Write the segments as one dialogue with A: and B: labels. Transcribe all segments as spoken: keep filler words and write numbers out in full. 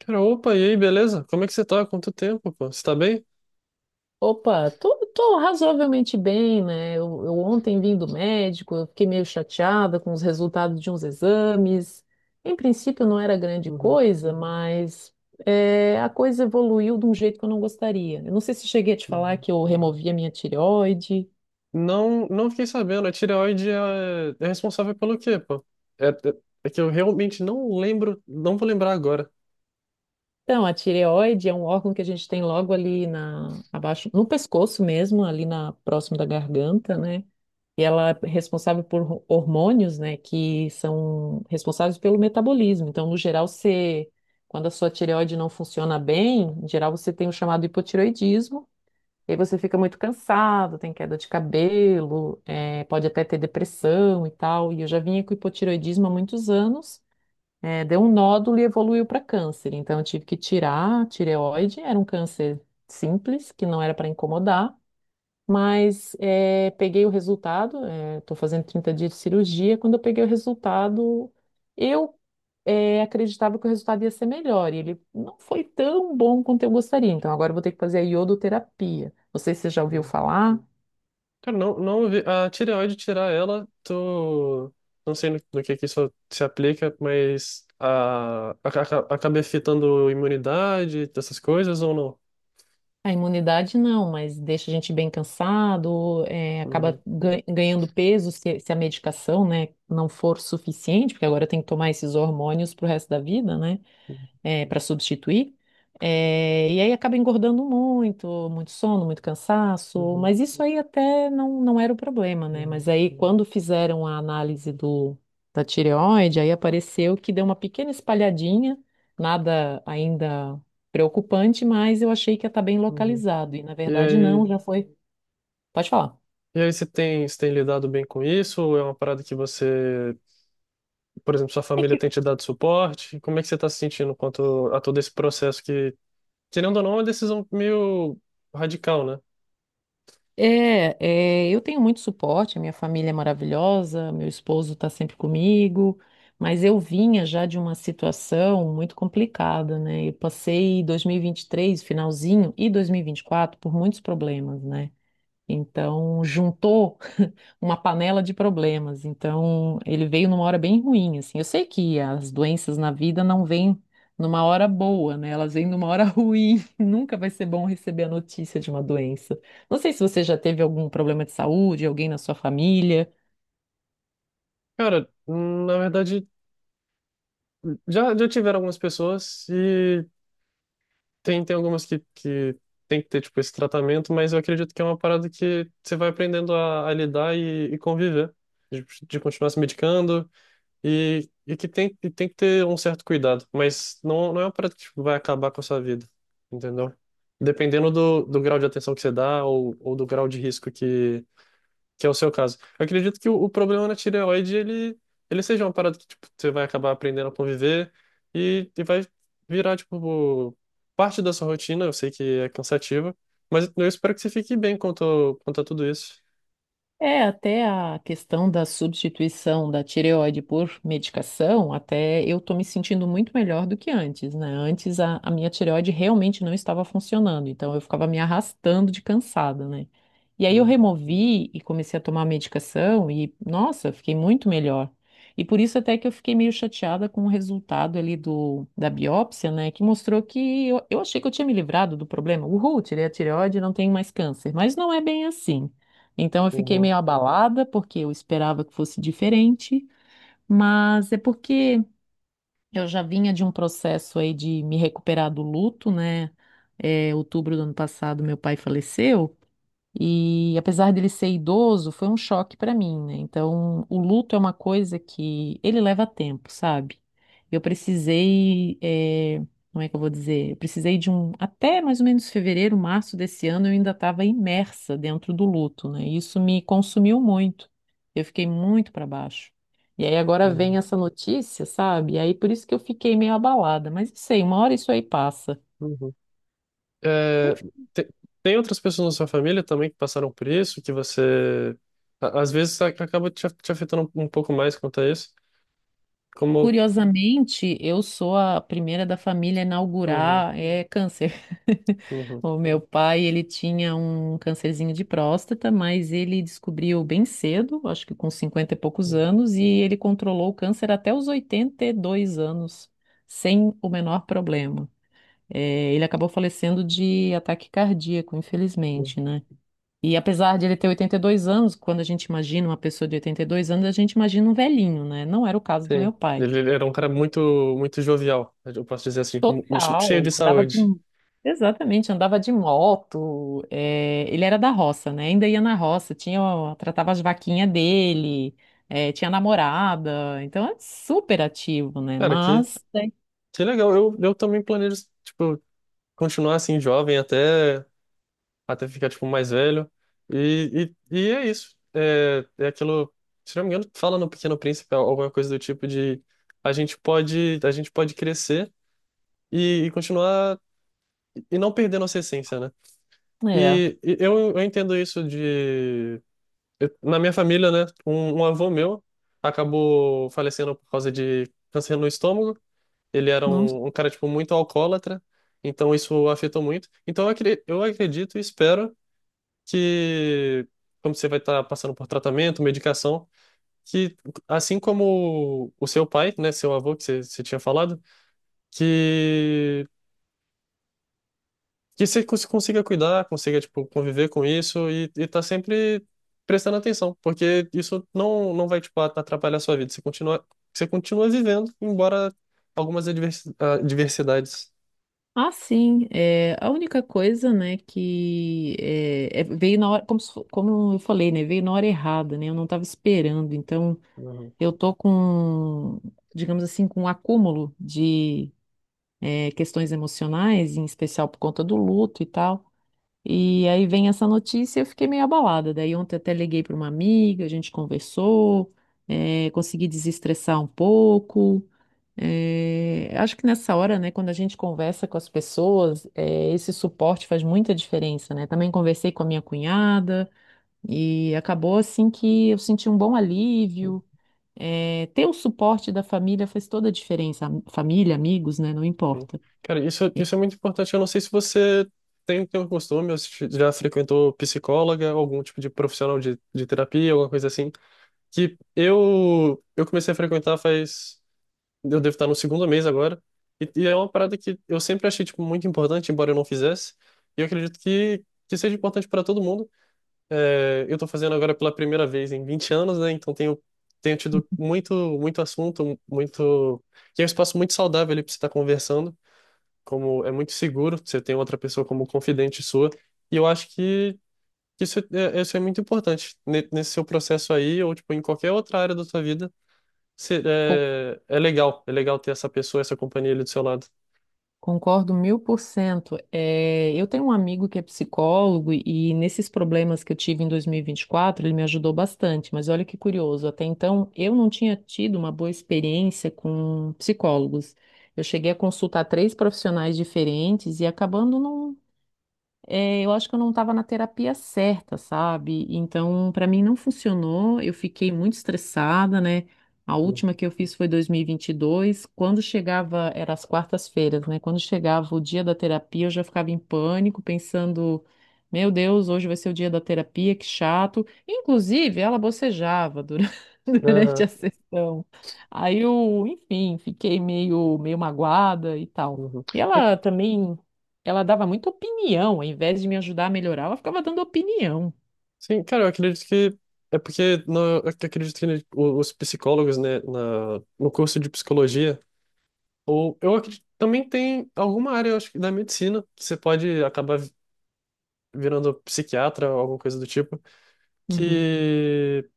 A: Cara, opa, e aí, beleza? Como é que você tá? Quanto tempo, pô? Você tá bem?
B: Opa, tô, tô razoavelmente bem, né? Eu, eu ontem vim do médico, eu fiquei meio chateada com os resultados de uns exames. Em princípio não era grande
A: Uhum,
B: coisa, mas é, a coisa evoluiu de um jeito que eu não gostaria. Eu não sei se cheguei a te falar
A: uhum.
B: que eu removi a minha tireoide.
A: Não, não fiquei sabendo. A tireoide é, é responsável pelo quê, pô? É, é, é que eu realmente não lembro, não vou lembrar agora.
B: Então, a tireoide é um órgão que a gente tem logo ali na, abaixo, no pescoço mesmo, ali na próximo da garganta, né? E ela é responsável por hormônios, né, que são responsáveis pelo metabolismo. Então, no geral, você, quando a sua tireoide não funciona bem, em geral você tem o chamado hipotireoidismo. E aí você fica muito cansado, tem queda de cabelo, eh, pode até ter depressão e tal. E eu já vinha com hipotireoidismo há muitos anos, eh, deu um nódulo e evoluiu para câncer. Então, eu tive que tirar a tireoide, era um câncer simples, que não era para incomodar. Mas eh, peguei o resultado, estou fazendo trinta dias de cirurgia. Quando eu peguei o resultado, eu eh, acreditava que o resultado ia ser melhor. E ele não foi tão bom quanto eu gostaria. Então agora eu vou ter que fazer a iodoterapia. Não sei se você já ouviu
A: Uhum.
B: falar.
A: Cara, não, não vi. A tireoide, tirar ela, tô... Não sei no, no que que isso se aplica, mas a, aca- acaba afetando imunidade, essas coisas ou não?
B: A imunidade não, mas deixa a gente bem cansado, eh, acaba
A: Uhum,
B: gan- ganhando peso se, se a medicação, né, não for suficiente, porque agora tem que tomar esses hormônios pro resto da vida, né? Para substituir. É, e aí acaba engordando muito, muito sono, muito cansaço,
A: uhum,
B: mas isso aí até não, não era o problema, né?
A: uhum,
B: Mas aí quando fizeram a análise do, da tireoide, aí apareceu que deu uma pequena espalhadinha, nada ainda preocupante, mas eu achei que ia estar bem
A: uhum.
B: localizado, e na
A: E
B: verdade não,
A: aí?
B: já foi. Pode falar.
A: E aí, você tem, você tem lidado bem com isso? Ou é uma parada que você, por exemplo, sua família tem te dado suporte? Como é que você está se sentindo quanto a todo esse processo que, querendo ou não, é uma decisão meio radical, né?
B: É, é, eu tenho muito suporte, a minha família é maravilhosa, meu esposo está sempre comigo, mas eu vinha já de uma situação muito complicada, né? Eu passei dois mil e vinte e três, finalzinho, e dois mil e vinte e quatro por muitos problemas, né? Então, juntou uma panela de problemas. Então, ele veio numa hora bem ruim, assim. Eu sei que as doenças na vida não vêm numa hora boa, né? Elas vêm numa hora ruim. Nunca vai ser bom receber a notícia de uma doença. Não sei se você já teve algum problema de saúde, alguém na sua família.
A: Cara, hum, na verdade, já, já tiveram algumas pessoas e tem, tem algumas que, que tem que ter, tipo, esse tratamento, mas eu acredito que é uma parada que você vai aprendendo a, a lidar e, e conviver, de, de continuar se medicando. E, e que tem, e tem que ter um certo cuidado, mas não, não é uma parada que tipo, vai acabar com a sua vida, entendeu? Dependendo do, do grau de atenção que você dá ou, ou do grau de risco que, que é o seu caso. Eu acredito que o, o problema na tireoide, ele, ele seja uma parada que tipo, você vai acabar aprendendo a conviver e, e vai virar tipo, parte da sua rotina. Eu sei que é cansativa, mas eu espero que você fique bem quanto, quanto a tudo isso.
B: É, até a questão da substituição da tireoide por medicação, até eu tô me sentindo muito melhor do que antes, né? Antes a, a minha tireoide realmente não estava funcionando, então eu ficava me arrastando de cansada, né? E aí eu
A: Uhum,
B: removi e comecei a tomar a medicação e, nossa, fiquei muito melhor. E por isso até que eu fiquei meio chateada com o resultado ali do, da biópsia, né? Que mostrou que eu, eu achei que eu tinha me livrado do problema. Uhul, tirei a tireoide, não tenho mais câncer. Mas não é bem assim. Então eu fiquei
A: uhum,
B: meio abalada porque eu esperava que fosse diferente, mas é porque eu já vinha de um processo aí de me recuperar do luto, né? É, outubro do ano passado meu pai faleceu e apesar dele ser idoso, foi um choque para mim, né? Então, o luto é uma coisa que ele leva tempo, sabe? Eu precisei, eh, como é que eu vou dizer? Eu precisei de um, até mais ou menos fevereiro, março desse ano, eu ainda estava imersa dentro do luto, né? E isso me consumiu muito. Eu fiquei muito para baixo. E aí agora vem
A: uhum,
B: essa notícia, sabe? E aí por isso que eu fiquei meio abalada, mas não sei, uma hora isso aí passa.
A: uhum. É, te- tem outras pessoas na sua família também que passaram por isso, que você a- às vezes a- acaba te, af- te afetando um um pouco mais quanto a isso. Como
B: Curiosamente, eu sou a primeira da família a
A: Uhum,
B: inaugurar é, câncer.
A: uhum,
B: O meu pai, ele tinha um câncerzinho de próstata, mas ele descobriu bem cedo, acho que com cinquenta e poucos anos, e ele controlou o câncer até os oitenta e dois anos, sem o menor problema. É, ele acabou falecendo de ataque cardíaco,
A: uhum.
B: infelizmente, né? E apesar de ele ter oitenta e dois anos, quando a gente imagina uma pessoa de oitenta e dois anos, a gente imagina um velhinho, né? Não era o caso do meu
A: Sim,
B: pai.
A: ele ele era um cara muito muito jovial, eu posso dizer assim, mu- mu- cheio
B: Total,
A: de
B: andava de.
A: saúde.
B: Exatamente, andava de moto. É, ele era da roça, né? Ainda ia na roça, tinha, ó, tratava as vaquinhas dele, é, tinha namorada, então é super ativo, né?
A: Cara, que
B: Mas
A: que legal. Eu eu também planejo tipo continuar assim jovem até até ficar, tipo, mais velho. E, e, e é isso. É, é aquilo, se não me engano, fala no Pequeno Príncipe alguma coisa do tipo de a gente pode, a gente pode crescer e, e continuar e não perder nossa essência, né?
B: é,
A: E, e eu, eu entendo isso de... eu- na minha família, né, um, um avô meu acabou falecendo por causa de câncer no estômago. Ele era
B: não.
A: um, um cara, tipo, muito alcoólatra. Então isso afetou muito. Então eu acre- eu acredito e espero que, como você vai estar passando por tratamento, medicação, que assim como o seu pai, né, seu avô que você, você tinha falado, que que você cons- consiga cuidar, consiga tipo conviver com isso e e tá sempre prestando atenção, porque isso não não vai tipo atrapalhar a sua vida. Você continua você continua vivendo, embora algumas advers- ah, adversidades.
B: Ah, sim, é, a única coisa, né, que é, é, veio na hora, como, se fo- como eu falei, né, veio na hora errada, né, eu não estava esperando, então
A: Uhum.
B: eu tô com, digamos assim, com um acúmulo de eh, questões emocionais, em especial por conta do luto e tal. E aí vem essa notícia e eu fiquei meio abalada. Daí ontem até liguei para uma amiga, a gente conversou, eh, consegui desestressar um pouco. Eh, acho que nessa hora, né, quando a gente conversa com as pessoas, eh, esse suporte faz muita diferença, né? Também conversei com a minha cunhada e acabou assim que eu senti um bom alívio. Eh, ter o suporte da família faz toda a diferença. Família, amigos, né? Não
A: Sim.
B: importa.
A: Cara, isso, isso é muito importante. Eu não sei se você tem, tem o costume, ou se já frequentou psicóloga, algum tipo de profissional de, de terapia, alguma coisa assim. Que eu, eu comecei a frequentar faz. Eu devo estar no segundo mês agora. E, e é uma parada que eu sempre achei, tipo, muito importante, embora eu não fizesse. E eu acredito que, que seja importante para todo mundo. É, eu estou fazendo agora pela primeira vez em vinte anos, né? Então tenho, tenho tido muito, muito assunto, muito. Que é um espaço muito saudável ali para você estar conversando como é muito seguro, você tem outra pessoa como confidente sua, e eu acho que que isso é, é, isso é muito importante Ne- nesse seu processo aí, ou tipo, em qualquer outra área da sua vida, você-
B: Co-
A: é, é legal, é legal ter essa pessoa, essa companhia ali do seu lado.
B: Concordo mil por cento. É, eu tenho um amigo que é psicólogo e nesses problemas que eu tive em dois mil e vinte e quatro, ele me ajudou bastante. Mas olha que curioso, até então eu não tinha tido uma boa experiência com psicólogos. Eu cheguei a consultar três profissionais diferentes e acabando não, é, eu acho que eu não estava na terapia certa, sabe? Então, para mim não funcionou. Eu fiquei muito estressada, né? A
A: Uhum.
B: última que eu fiz foi dois mil e e vinte e dois. Quando chegava, era as quartas-feiras, né? Quando chegava o dia da terapia, eu já ficava em pânico, pensando: meu Deus, hoje vai ser o dia da terapia, que chato. Inclusive, ela bocejava durante, durante
A: Aham,
B: a sessão. Aí eu, enfim, fiquei meio, meio magoada e tal.
A: uhum.
B: E
A: Eu-
B: ela também. Ela dava muita opinião, ao invés de me ajudar a melhorar, ela ficava dando opinião.
A: sim, cara, eu acredito que é porque no, eu acredito que o- os psicólogos, né, na, no curso de psicologia, ou eu acredito, também tem alguma área, eu acho que da medicina, que você pode acabar virando psiquiatra ou alguma coisa do tipo.
B: Uhum.
A: Que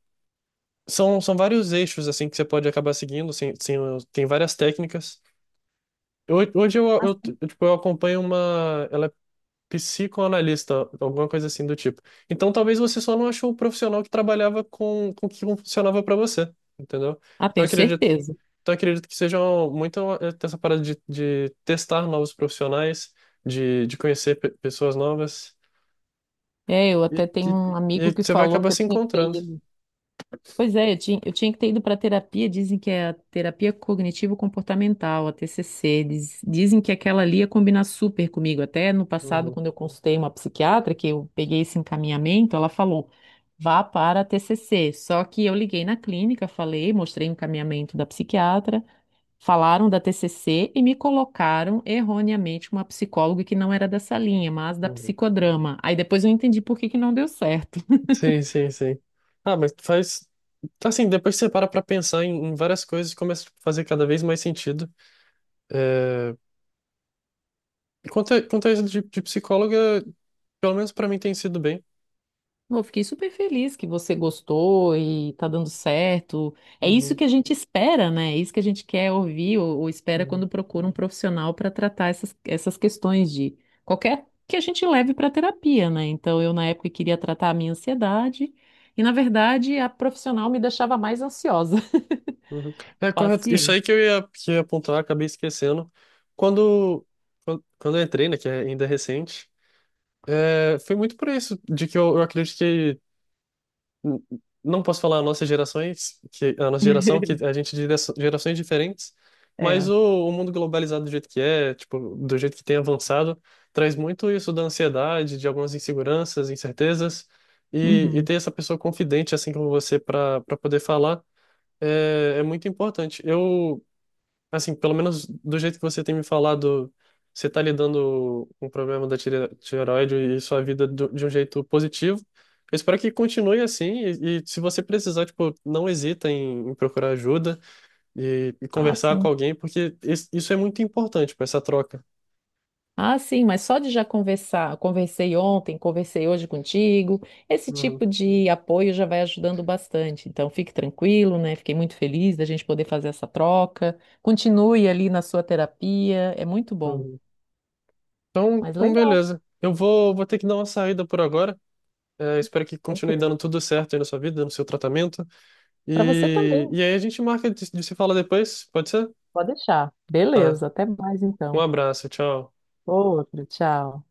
A: são, são vários eixos assim que você pode acabar seguindo, sem, sem, tem várias técnicas. Eu- Hoje eu,
B: Ah,
A: eu,
B: sim.
A: tipo, eu acompanho uma, ela é psicoanalista, alguma coisa assim do tipo. Então talvez você só não achou o profissional que trabalhava com, com o que funcionava para você, entendeu?
B: Ah,
A: Então eu
B: tenho
A: acredito,
B: certeza.
A: então eu acredito que seja muito eh, essa parada de, de testar novos profissionais, de, de conhecer pe- pessoas novas
B: É, eu
A: e,
B: até tenho
A: e,
B: um
A: e
B: amigo que
A: você vai
B: falou
A: acabar
B: que eu
A: se
B: tinha que ter
A: encontrando.
B: ido. Pois é, eu tinha, eu tinha que ter ido para terapia. Dizem que é a terapia cognitivo-comportamental, a T C C. Diz- dizem que aquela ali ia combinar super comigo. Até no passado,
A: Uhum,
B: quando eu consultei uma psiquiatra, que eu peguei esse encaminhamento, ela falou: vá para a T C C. Só que eu liguei na clínica, falei, mostrei o encaminhamento da psiquiatra. Falaram da T C C e me colocaram erroneamente uma psicóloga que não era dessa linha, mas da
A: uhum.
B: psicodrama. Aí depois eu entendi por que que não deu certo.
A: Sim, sim, sim. Ah, mas faz. Assim, depois você para pra pensar em, em várias coisas, e começa a fazer cada vez mais sentido. É... Quanto a, quanto a isso de, de psicóloga, pelo menos pra mim tem sido bem.
B: Eu fiquei super feliz que você gostou e tá dando certo. É isso
A: Uhum,
B: que a gente espera, né? É isso que a gente quer ouvir ou, ou espera
A: uhum,
B: quando procura um profissional para tratar essas, essas questões de qualquer que a gente leve para terapia, né? Então eu na época queria tratar a minha ansiedade e na verdade a profissional me deixava mais ansiosa.
A: uhum. É correto. Isso
B: Paciente.
A: aí que eu ia, que eu ia apontar, acabei esquecendo. Quando, quando, Quando eu entrei, né, que é ainda recente, é, foi muito por isso, de que eu, eu acredito que n- não posso falar nossas gerações, que a nossa geração, que a gente é de gera- gerações diferentes, mas
B: É.
A: o, o mundo globalizado do jeito que é, tipo, do jeito que tem avançado, traz muito isso da ansiedade, de algumas inseguranças, incertezas, e, e
B: Uhum.
A: ter essa pessoa confidente assim como você para para poder falar é, é muito importante. Eu Assim, pelo menos do jeito que você tem me falado, você tá lidando com o problema da tire- tireoide e sua vida do- de um jeito positivo. Eu espero que continue assim e, e se você precisar, tipo, não hesita em, em procurar ajuda e, e
B: Ah,
A: conversar com
B: sim.
A: alguém, porque is- isso é muito importante para essa troca.
B: Ah, sim, mas só de já conversar, conversei ontem, conversei hoje contigo, esse
A: Uhum,
B: tipo de apoio já vai ajudando bastante. Então, fique tranquilo, né? Fiquei muito feliz da gente poder fazer essa troca. Continue ali na sua terapia, é muito bom.
A: uhum. Então,
B: Mas
A: então,
B: legal,
A: beleza. Eu vou, vou ter que dar uma saída por agora. É, espero que continue
B: tranquilo.
A: dando tudo certo aí na sua vida, no seu tratamento.
B: Para você também,
A: E, e aí a gente marca de, de se falar depois, pode ser?
B: pode deixar.
A: Tá.
B: Beleza, até mais
A: Um
B: então.
A: abraço, tchau.
B: Outro, tchau.